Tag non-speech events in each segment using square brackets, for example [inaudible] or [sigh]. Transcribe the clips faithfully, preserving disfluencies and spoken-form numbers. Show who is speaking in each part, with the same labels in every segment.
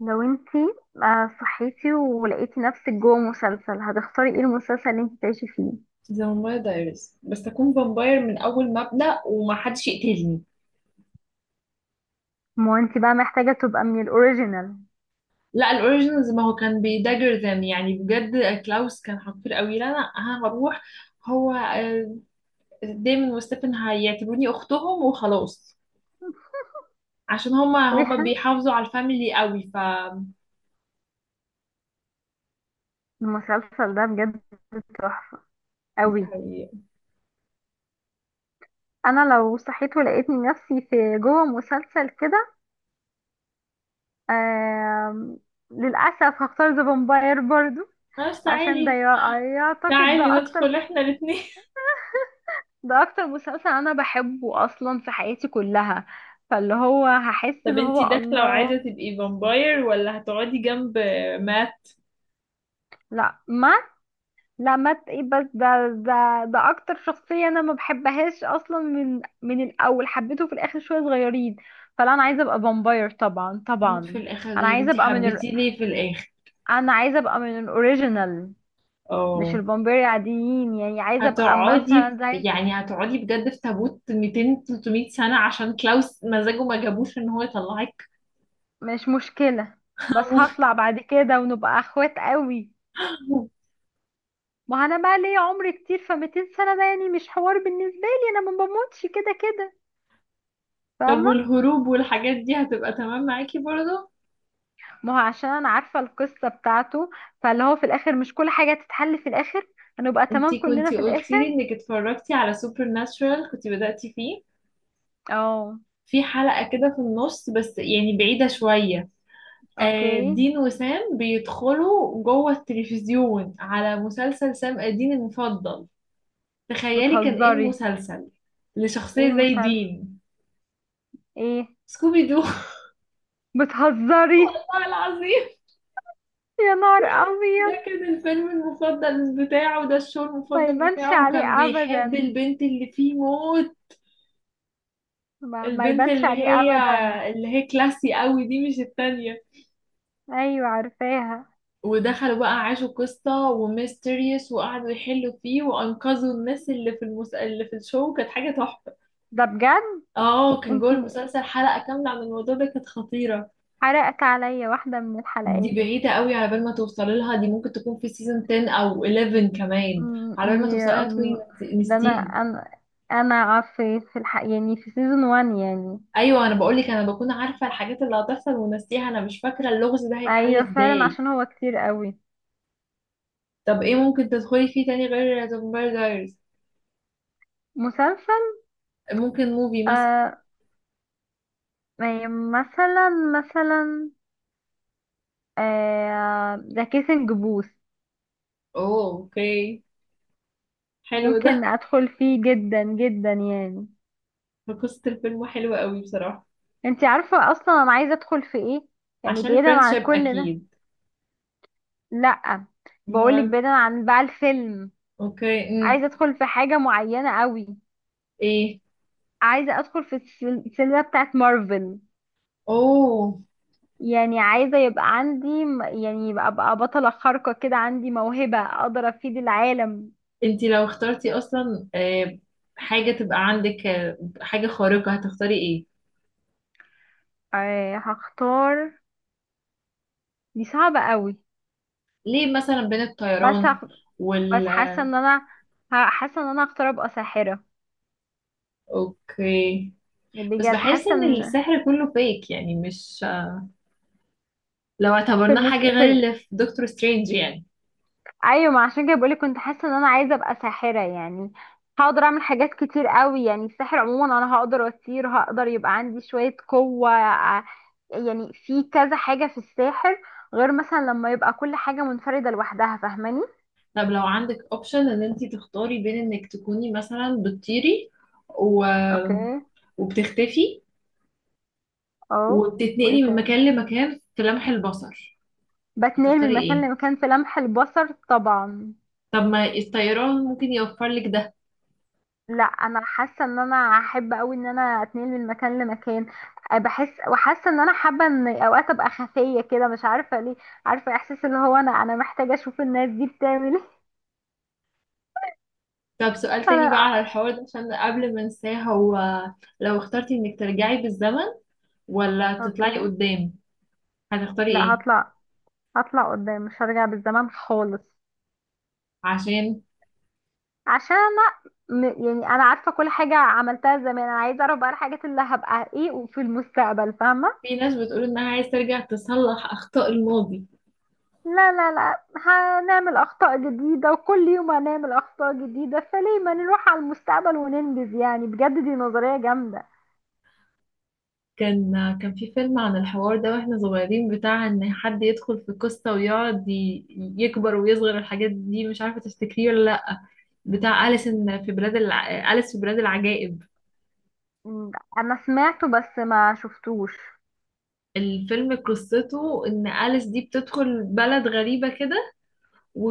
Speaker 1: لو انتي آه، صحيتي ولقيتي نفسك جوه مسلسل، هتختاري ايه المسلسل اللي انتي تعيشي فيه؟
Speaker 2: ذا فامباير دايريز، بس اكون فامباير من اول مبدأ ومحدش يقتلني.
Speaker 1: ما انتي بقى محتاجة تبقى من الاوريجينال.
Speaker 2: لا، الاوريجينالز ما هو كان بيداجر ذم، يعني بجد كلاوس كان حقير قوي. لا، انا أنا هروح. هو آه، ديمون وستيفن هيعتبروني اختهم وخلاص، عشان هما هما
Speaker 1: ويحن
Speaker 2: بيحافظوا على الفاميلي قوي. ف
Speaker 1: المسلسل ده بجد تحفة
Speaker 2: دي
Speaker 1: قوي.
Speaker 2: حقيقة.
Speaker 1: انا لو صحيت ولقيتني نفسي في جوه مسلسل كده، آم، للاسف هختار ذا فامباير برضو.
Speaker 2: خلاص،
Speaker 1: عشان ده
Speaker 2: تعالي.
Speaker 1: يع- يعتقد
Speaker 2: تعالي
Speaker 1: ده اكتر
Speaker 2: ندخل
Speaker 1: م-
Speaker 2: احنا الاثنين [laughs]
Speaker 1: ده اكتر مسلسل انا بحبه اصلا في حياتي كلها. فاللي هو هحس
Speaker 2: طب
Speaker 1: اللي
Speaker 2: انتي
Speaker 1: هو
Speaker 2: داخلة وعايزة
Speaker 1: الله.
Speaker 2: تبقي فامباير، ولا هتقعدي جنب مات؟
Speaker 1: لا مهما لما ت- إيه، بس ده ده ده اكتر شخصية انا ما بحبهاش اصلا من من الاول، حبيته في الاخر شوية صغيرين. فلا، انا عايزة ابقى فامباير طبعا
Speaker 2: مين في
Speaker 1: طبعا.
Speaker 2: الاخر ده
Speaker 1: انا
Speaker 2: يا
Speaker 1: عايزة
Speaker 2: بنتي؟
Speaker 1: ابقى من ال...
Speaker 2: حبيتيه ليه في الاخر؟
Speaker 1: انا عايزة ابقى من الاوريجينال، مش
Speaker 2: اه،
Speaker 1: الفامباير العاديين، يعني عايزة ابقى مثلا
Speaker 2: هتقعدي في-
Speaker 1: زي.
Speaker 2: يعني هتقعدي بجد في تابوت مئتين تلتمية سنة عشان كلاوس مزاجه ما جابوش ان هو يطلعك؟
Speaker 1: مش مشكلة، بس هطلع بعد كده ونبقى اخوات قوي.
Speaker 2: [laughs]
Speaker 1: ما انا بقى ليا عمر كتير، ف 200 سنة ده يعني مش حوار بالنسبة لي، انا ما بموتش كده كده،
Speaker 2: طب
Speaker 1: فاهمة؟
Speaker 2: والهروب والحاجات دي هتبقى تمام معاكي برضه؟
Speaker 1: ما هو عشان انا عارفه القصه بتاعته، فاللي هو في الاخر مش كل حاجه تتحل في الاخر، هنبقى تمام
Speaker 2: انتي
Speaker 1: كلنا
Speaker 2: كنتي
Speaker 1: في
Speaker 2: قلتي لي
Speaker 1: الاخر.
Speaker 2: انك اتفرجتي على سوبر ناتشورال، كنتي بدأتي فيه
Speaker 1: اه.
Speaker 2: في حلقة كده في النص، بس يعني بعيدة شوية. آه،
Speaker 1: اوكي.
Speaker 2: دين وسام بيدخلوا جوه التلفزيون على مسلسل سام الدين المفضل. تخيلي كان ايه
Speaker 1: بتهزري؟
Speaker 2: المسلسل
Speaker 1: ايه
Speaker 2: لشخصية زي
Speaker 1: المسلسل؟
Speaker 2: دين؟
Speaker 1: ايه؟
Speaker 2: سكوبي دو.
Speaker 1: بتهزري؟
Speaker 2: والله العظيم.
Speaker 1: يا نهار
Speaker 2: [laughs]
Speaker 1: ابيض.
Speaker 2: ده كان الفيلم المفضل بتاعه، ده الشو
Speaker 1: ما
Speaker 2: المفضل
Speaker 1: يبانش
Speaker 2: بتاعه، وكان
Speaker 1: عليه
Speaker 2: بيحب
Speaker 1: ابدا.
Speaker 2: البنت اللي فيه موت.
Speaker 1: ما, ما
Speaker 2: البنت
Speaker 1: يبانش
Speaker 2: اللي
Speaker 1: عليه
Speaker 2: هي
Speaker 1: ابدا.
Speaker 2: اللي هي كلاسي قوي دي، مش التانية.
Speaker 1: ايوه، عارفاها.
Speaker 2: ودخلوا بقى، عاشوا قصة وميستيريوس، وقعدوا يحلوا فيه، وأنقذوا الناس اللي في المس... اللي في الشو. كانت حاجة تحفة.
Speaker 1: ده بجد.
Speaker 2: اه، كان جوه
Speaker 1: انتي
Speaker 2: المسلسل حلقة كاملة عن الموضوع ده، كانت خطيرة.
Speaker 1: حرقت عليا واحده من
Speaker 2: دي
Speaker 1: الحلقات.
Speaker 2: بعيدة قوي على بال ما توصلي لها، دي ممكن تكون في سيزون عشرة أو حداشر كمان.
Speaker 1: أمم،
Speaker 2: على بال ما توصلي
Speaker 1: يا
Speaker 2: لها تكوني
Speaker 1: الله. ده انا
Speaker 2: نسيتيها.
Speaker 1: انا انا في في الح... يعني في سيزون واحد يعني.
Speaker 2: ايوه، انا بقول لك انا بكون عارفه الحاجات اللي هتحصل ونسيها، انا مش فاكره اللغز ده هيتحل
Speaker 1: ايوه فعلا
Speaker 2: ازاي.
Speaker 1: عشان هو كتير قوي.
Speaker 2: طب ايه ممكن تدخلي فيه تاني غير ذا فامباير دايرز؟
Speaker 1: مسلسل.
Speaker 2: ممكن موفي مثلا.
Speaker 1: آه يعني مثلا مثلا، آه ذا كيسنج بوث،
Speaker 2: اوه، اوكي. حلو ده.
Speaker 1: ممكن ادخل فيه جدا جدا يعني.
Speaker 2: قصه الفيلم حلوه قوي بصراحه.
Speaker 1: انتي عارفة اصلا انا عايزة ادخل في ايه؟ يعني
Speaker 2: عشان
Speaker 1: بعيدا عن
Speaker 2: الفرنشيب
Speaker 1: كل ده.
Speaker 2: اكيد.
Speaker 1: لا، بقولك
Speaker 2: امال.
Speaker 1: بعيدا عن بقى الفيلم.
Speaker 2: اوكي، امم
Speaker 1: عايزة ادخل في حاجة معينة قوي.
Speaker 2: ايه.
Speaker 1: عايزة ادخل في السل- السلسلة بتاعت مارفل.
Speaker 2: اوه.
Speaker 1: يعني عايزة يبقى عندي م- يعني يبقى ابقى بطلة خارقة كده، عندي موهبة اقدر افيد العالم.
Speaker 2: انتي لو اخترتي اصلا، آه، حاجه تبقى عندك، آه، حاجه خارقه، هتختاري ايه؟
Speaker 1: آه، هختار. دي صعبة قوي.
Speaker 2: ليه مثلا بين
Speaker 1: بس
Speaker 2: الطيران
Speaker 1: هخ... بس
Speaker 2: وال
Speaker 1: حاسة ان انا ه- حاسة ان انا هختار ابقى ساحرة.
Speaker 2: اوكي. بس
Speaker 1: بجد
Speaker 2: بحس
Speaker 1: حاسة
Speaker 2: ان
Speaker 1: ان
Speaker 2: السحر كله فيك، يعني مش لو
Speaker 1: في
Speaker 2: اعتبرناه
Speaker 1: المس...
Speaker 2: حاجة
Speaker 1: في
Speaker 2: غير
Speaker 1: ال...
Speaker 2: اللي في دكتور سترينج يعني.
Speaker 1: ايوه، ما عشان كده بقولك، كنت حاسة ان انا عايزة ابقى ساحرة يعني. هقدر اعمل حاجات كتير قوي، يعني السحر عموما انا هقدر اطير، هقدر يبقى عندي شوية قوة ع- يعني في كذا حاجة في الساحر، غير مثلا لما يبقى كل حاجة منفردة لوحدها، فاهماني؟
Speaker 2: طب لو عندك اوبشن ان انتي تختاري بين انك تكوني مثلا بتطيري، و...
Speaker 1: اوكي.
Speaker 2: وبتختفي،
Speaker 1: اه. وايه
Speaker 2: وبتتنقلي من مكان
Speaker 1: تاني؟
Speaker 2: لمكان في لمح البصر،
Speaker 1: بتنقل من
Speaker 2: هتختاري
Speaker 1: مكان
Speaker 2: ايه؟
Speaker 1: لمكان في لمح البصر طبعا.
Speaker 2: طب ما الطيران ممكن يوفر لك ده.
Speaker 1: لا، انا حاسه ان انا احب قوي ان انا اتنقل من مكان لمكان. أه، بحس وحاسه ان انا حابه ان اوقات ابقى خفيه كده، مش عارفه ليه. عارفه احساس اللي هو، انا انا محتاجه اشوف الناس دي بتعمل ايه.
Speaker 2: طب سؤال
Speaker 1: [laughs]
Speaker 2: تاني بقى
Speaker 1: انا.
Speaker 2: على الحوار ده عشان قبل ما انساه. هو لو اخترتي انك ترجعي بالزمن، ولا
Speaker 1: اوكي.
Speaker 2: تطلعي قدام، هتختاري
Speaker 1: لا،
Speaker 2: ايه؟
Speaker 1: هطلع هطلع قدام، مش هرجع بالزمن خالص.
Speaker 2: عشان
Speaker 1: عشان انا م- يعني انا عارفه كل حاجه عملتها زمان، انا عايزه اعرف بقى الحاجات اللي هبقى ايه في المستقبل، فاهمه؟
Speaker 2: في ناس بتقول انها عايز ترجع تصلح اخطاء الماضي.
Speaker 1: لا لا لا، هنعمل أخطاء جديدة وكل يوم هنعمل أخطاء جديدة، فليه ما نروح على المستقبل وننجز، يعني بجد دي نظرية جامدة.
Speaker 2: كان كان في فيلم عن الحوار ده واحنا صغيرين، بتاع ان حد يدخل في قصة ويقعد ي- يكبر ويصغر الحاجات دي، مش عارفة تفتكريه ولا لأ. بتاع أليس إن في بلاد الع... أليس في بلاد العجائب.
Speaker 1: مم، أنا سمعته بس ما شفتوش.
Speaker 2: الفيلم قصته ان أليس دي بتدخل بلد غريبة كده،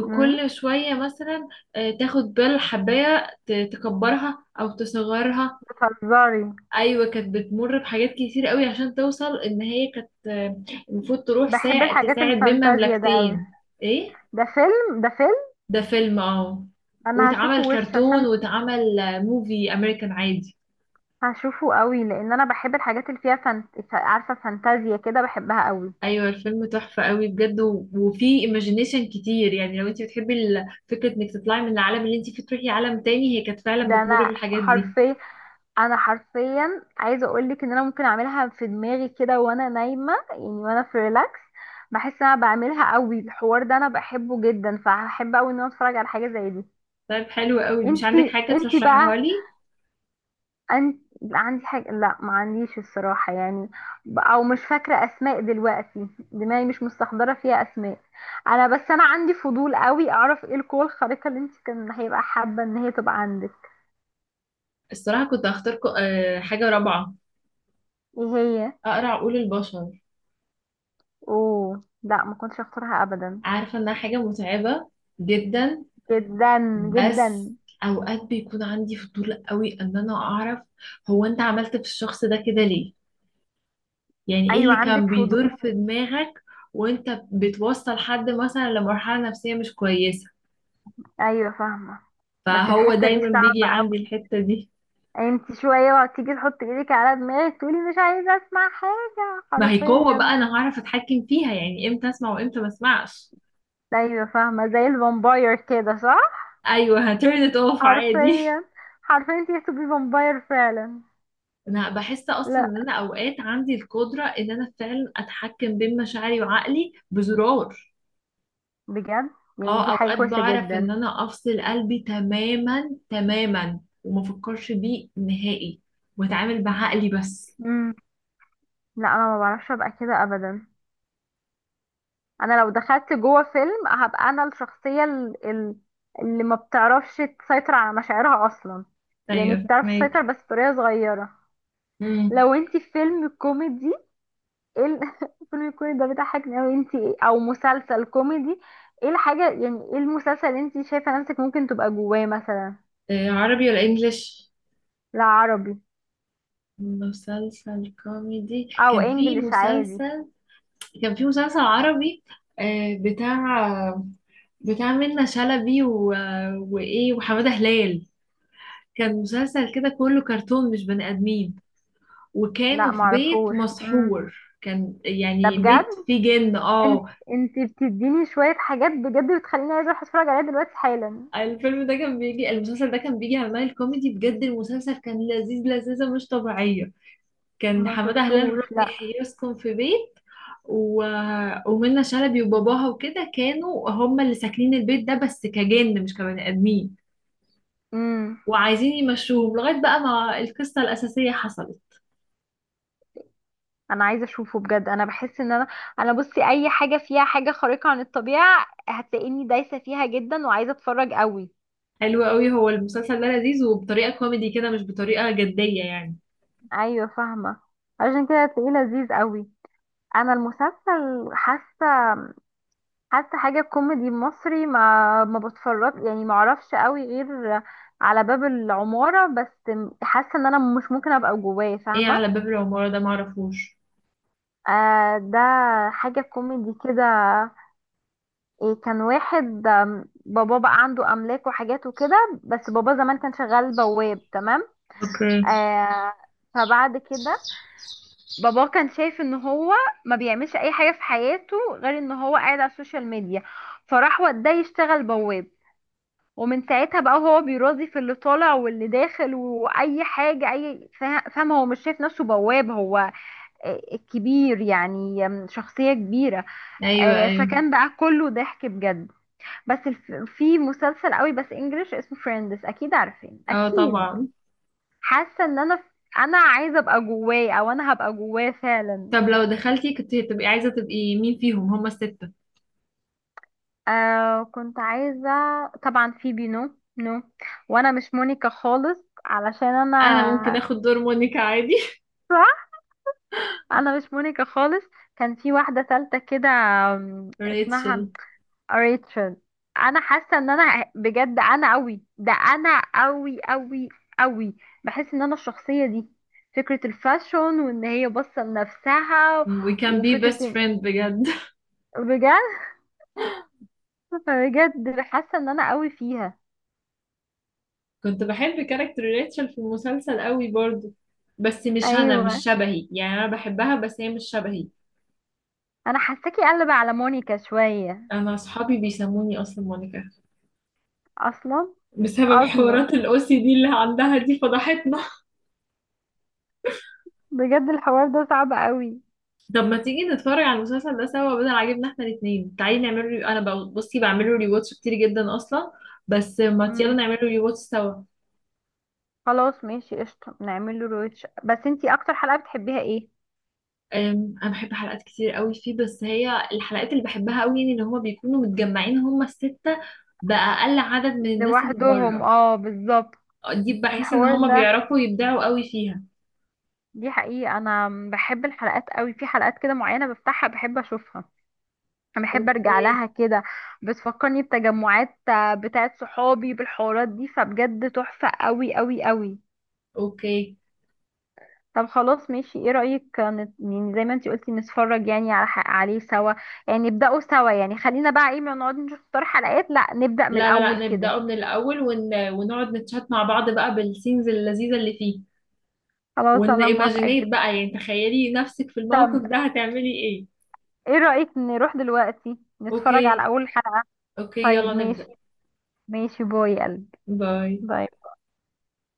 Speaker 1: مم،
Speaker 2: شوية مثلا، آه، تاخد بال حباية ت- تكبرها او تصغرها.
Speaker 1: بتهزري؟
Speaker 2: ايوه، كانت بتمر بحاجات كتير قوي عشان توصل ان هي كانت، آه، المفروض تروح
Speaker 1: بحب
Speaker 2: ساعد
Speaker 1: الحاجات
Speaker 2: تساعد بين
Speaker 1: الفانتازيا ده قوي.
Speaker 2: مملكتين. ايه.
Speaker 1: ده فيلم؟ ده فيلم.
Speaker 2: ده فيلم، اه.
Speaker 1: أنا هشوفه
Speaker 2: واتعمل
Speaker 1: وش
Speaker 2: كرتون،
Speaker 1: عشان
Speaker 2: واتعمل آه، موفي امريكان عادي.
Speaker 1: هشوفه قوي، لأن أنا بحب الحاجات اللي فيها فانت... عارفة، فانتازيا كده، بحبها قوي.
Speaker 2: ايوه، الفيلم تحفه قوي بجد، و- وفي ايماجينيشن كتير، يعني لو انت بتحبي ال- فكره انك تطلعي من العالم اللي انت فيه تروحي عالم تاني، هي كانت فعلا
Speaker 1: ده
Speaker 2: بتمر
Speaker 1: أنا
Speaker 2: بالحاجات دي.
Speaker 1: حرفيا، انا حرفيا عايزه اقول لك ان انا ممكن اعملها في دماغي كده وانا نايمه يعني، وانا في ريلاكس. بحس ان انا بعملها قوي الحوار ده، انا بحبه جدا، فهحب قوي ان انا اتفرج على حاجه زي دي.
Speaker 2: طيب، حلو قوي. مش عندك
Speaker 1: انتي
Speaker 2: حاجه
Speaker 1: انتي
Speaker 2: ترشحيها
Speaker 1: بقى.
Speaker 2: لي؟
Speaker 1: انت، عندي حاجه؟ لا ما عنديش الصراحه يعني. ب- او مش فاكره اسماء دلوقتي، دماغي مش مستحضره فيها اسماء. انا بس انا عندي فضول قوي اعرف ايه القوه الخارقه اللي انت كان هيبقى حابه ان هي تبقى عندك.
Speaker 2: الصراحه كنت هختار ك- آه، حاجه رابعه.
Speaker 1: ايه هي؟
Speaker 2: اقرا عقول البشر.
Speaker 1: اوه لا، ما كنتش اختارها ابدا.
Speaker 2: عارفة انها حاجة متعبة جدا،
Speaker 1: جدا
Speaker 2: بس
Speaker 1: جدا.
Speaker 2: اوقات بيكون عندي فضول قوي ان انا اعرف، هو انت عملت في الشخص ده كده ليه؟ يعني ايه
Speaker 1: ايوه
Speaker 2: اللي
Speaker 1: عندك
Speaker 2: كان بيدور في
Speaker 1: فضول.
Speaker 2: دماغك؟ وانت بتوصل حد مثلا لمرحلة نفسية مش كويسة،
Speaker 1: ايوه فاهمه. بس
Speaker 2: فهو
Speaker 1: الحته دي
Speaker 2: دايما بيجي
Speaker 1: صعبه
Speaker 2: عندي
Speaker 1: قوي.
Speaker 2: الحتة دي.
Speaker 1: انت شويه وهتيجي تحطي ايدك على دماغك تقولي مش عايزه اسمع حاجه
Speaker 2: ما هي قوة بقى،
Speaker 1: حرفيا.
Speaker 2: انا هعرف اتحكم فيها، يعني امتى اسمع وامتى ما اسمعش.
Speaker 1: ايوه فاهمه، زي الفامباير كده صح.
Speaker 2: ايوه، هترن it off عادي.
Speaker 1: حرفيا. حرفيا انت هتبقي فامباير فعلا.
Speaker 2: انا بحس اصلا
Speaker 1: لا،
Speaker 2: ان انا اوقات عندي القدره ان انا فعلا اتحكم بين مشاعري وعقلي بزرار.
Speaker 1: بجد يعني
Speaker 2: اه،
Speaker 1: دي حاجه
Speaker 2: اوقات
Speaker 1: كويسه
Speaker 2: بعرف ان
Speaker 1: جدا.
Speaker 2: انا افصل قلبي تماما تماما وما افكرش بيه نهائي، واتعامل بعقلي بس.
Speaker 1: امم لا، انا ما بعرفش ابقى كده ابدا. انا لو دخلت جوه فيلم هبقى انا الشخصيه ال- ال- اللي ما بتعرفش تسيطر على مشاعرها اصلا. يعني
Speaker 2: ايوه،
Speaker 1: بتعرف
Speaker 2: فاهمك.
Speaker 1: تسيطر بس بطريقه صغيره.
Speaker 2: امم.
Speaker 1: لو انتي في فيلم كوميدي، ايه ال- [laughs] الفيلم الكوميدي ده بيضحكني اوي، انتي إيه- او مسلسل كوميدي؟ ايه الحاجه يعني ايه المسلسل اللي انتي شايفه نفسك ممكن تبقى جواه مثلا؟
Speaker 2: آه، عربي ولا انجليش؟
Speaker 1: لا، عربي
Speaker 2: مسلسل كوميدي.
Speaker 1: او
Speaker 2: كان في
Speaker 1: انجليش عادي.
Speaker 2: مسلسل كان في مسلسل عربي، آه، بتاع بتاع منة شلبي و... وايه، وحمادة هلال. كان مسلسل كده كله كرتون، مش بني آدمين،
Speaker 1: لا
Speaker 2: وكانوا في بيت
Speaker 1: معرفوش. امم
Speaker 2: مسحور. كان
Speaker 1: ده
Speaker 2: يعني
Speaker 1: بجد.
Speaker 2: بيت فيه جن،
Speaker 1: انت
Speaker 2: اه.
Speaker 1: انت بتديني شويه حاجات بجد بتخليني عايزه اروح اتفرج عليها دلوقتي حالا.
Speaker 2: الفيلم ده كان بيجي المسلسل ده كان بيجي على مايل كوميدي، بجد المسلسل كان لذيذ، لذيذة مش طبيعية. كان
Speaker 1: ما
Speaker 2: حمادة هلال
Speaker 1: شفتوش
Speaker 2: رضي
Speaker 1: لا.
Speaker 2: يحيى يسكن في بيت و... ومنى شلبي وباباها وكده كانوا هم اللي ساكنين البيت ده، بس كجن مش كبني آدمين،
Speaker 1: امم
Speaker 2: وعايزين يمشوهم لغاية بقى ما القصة الأساسية حصلت.
Speaker 1: انا عايزه اشوفه بجد، انا بحس ان انا، انا بصي اي حاجه فيها حاجه خارقه عن الطبيعه هتلاقيني دايسه فيها جدا وعايزه اتفرج قوي.
Speaker 2: حلو قوي، هو المسلسل ده لذيذ وبطريقة كوميدي كده، مش بطريقة جدية يعني.
Speaker 1: ايوه فاهمه، عشان كده هتلاقيه لذيذ قوي. انا المسلسل حاسه حاسه حاجه كوميدي مصري ما ما بتفرج يعني، ما اعرفش قوي غير على باب العماره بس، حاسه ان انا مش ممكن ابقى جواه،
Speaker 2: ايه
Speaker 1: فاهمه؟
Speaker 2: على باب العمارة ده؟ معرفوش.
Speaker 1: آه ده حاجه كوميدي كده. إيه؟ كان واحد آم، بابا بقى عنده املاك وحاجات وكده، بس بابا زمان كان شغال بواب، تمام؟
Speaker 2: اوكي.
Speaker 1: آه فبعد كده بابا كان شايف ان هو ما بيعملش اي حاجه في حياته غير ان هو قاعد على السوشيال ميديا، فراح وداه يشتغل بواب. ومن ساعتها بقى هو بيراضي في اللي طالع واللي داخل واي حاجه، اي فا- فاهم؟ هو مش شايف نفسه بواب، هو آه، كبير يعني، آم، شخصيه كبيره.
Speaker 2: ايوه،
Speaker 1: آه،
Speaker 2: ايوه.
Speaker 1: فكان بقى كله ضحك بجد. بس الف... في مسلسل قوي بس انجلش اسمه فريندز، اكيد عارفين،
Speaker 2: اه،
Speaker 1: اكيد.
Speaker 2: طبعا.
Speaker 1: حاسه ان انا انا عايزه ابقى جواه، او انا هبقى جواه فعلا.
Speaker 2: طب لو دخلتي، كنت هتبقي عايزة تبقي مين فيهم هما الستة؟
Speaker 1: آه كنت عايزه طبعا فيبي، نو نو. وانا مش مونيكا خالص، علشان
Speaker 2: انا ممكن
Speaker 1: انا
Speaker 2: اخد دور مونيكا عادي [laughs]
Speaker 1: [laughs] صح. انا مش مونيكا خالص. كان في واحده ثالثه كده، آم، اسمها
Speaker 2: ريتشل.
Speaker 1: قريت شن. انا حاسه ان انا بجد انا قوي ده، انا قوي قوي قوي. بحس ان انا الشخصيه دي، فكره الفاشون وان هي باصه لنفسها،
Speaker 2: We can be
Speaker 1: وفكره
Speaker 2: best
Speaker 1: إن-
Speaker 2: friend بجد [laughs]
Speaker 1: بجد. [laughs] بجد حاسه ان انا قوي فيها.
Speaker 2: كنت بحب كاركتر ريتشل في المسلسل قوي برضو، بس مش، انا
Speaker 1: ايوه.
Speaker 2: مش شبهي، يعني انا بحبها بس هي مش شبهي.
Speaker 1: انا حاساكي قلب على مونيكا شويه.
Speaker 2: انا اصحابي بيسموني اصلا مونيكا،
Speaker 1: اصلا.
Speaker 2: بسبب
Speaker 1: اصلا.
Speaker 2: حوارات الاو سي دي اللي عندها دي، فضحتنا [laughs]
Speaker 1: بجد الحوار ده صعب قوي.
Speaker 2: طب ما تيجي نتفرج على المسلسل ده سوا، بدل عاجبنا احنا الاثنين. تعالي نعمل ري... انا بقى بصي بعمل له ريواتش كتير جدا اصلا، بس ما يلا
Speaker 1: امم
Speaker 2: نعمل له ريواتش سوا.
Speaker 1: خلاص ماشي قشطه، نعمل له رويتش. بس انتي اكتر حلقه بتحبيها ايه؟
Speaker 2: أم، انا بحب حلقات كتير قوي فيه، بس هي الحلقات اللي بحبها قوي، يعني ان هما بيكونوا متجمعين هما الستة، بأقل عدد من الناس اللي
Speaker 1: لوحدهم،
Speaker 2: بره،
Speaker 1: اه بالظبط.
Speaker 2: دي بحس ان
Speaker 1: الحوار
Speaker 2: هما
Speaker 1: ده،
Speaker 2: بيعرفوا يبدعوا قوي فيها.
Speaker 1: دي حقيقة. أنا بحب الحلقات قوي، في حلقات كده معينة بفتحها بحب أشوفها، بحب أرجع
Speaker 2: اوكي.
Speaker 1: لها كده. بتفكرني بتجمعات آه، بتاعت صحابي بالحوارات دي، فبجد تحفة قوي قوي قوي.
Speaker 2: اوكي.
Speaker 1: طب خلاص ماشي. ايه رأيك آه، نت- يعني زي ما انتي قلتي، نتفرج يعني على ح- عليه سوا؟ يعني نبدأه سوا، يعني خلينا بقى ايه، ما نقعد نشوف اختار حلقات، لا نبدأ من
Speaker 2: لا لا
Speaker 1: الأول
Speaker 2: لا،
Speaker 1: كده.
Speaker 2: نبدأه من الأول، ون... ونقعد نتشات مع بعض بقى بالسينز اللذيذة اللي فيه.
Speaker 1: خلاص
Speaker 2: ون
Speaker 1: أنا موافقة
Speaker 2: ايماجينيت
Speaker 1: جدا.
Speaker 2: بقى، يعني تخيلي نفسك في الموقف
Speaker 1: طب
Speaker 2: ده، هتعملي ايه؟
Speaker 1: ايه رأيك نروح دلوقتي نتفرج على
Speaker 2: اوكي.
Speaker 1: أول حلقة؟
Speaker 2: اوكي،
Speaker 1: طيب
Speaker 2: يلا نبدأ.
Speaker 1: ماشي. ماشي. باي يا قلبي.
Speaker 2: باي.
Speaker 1: باي.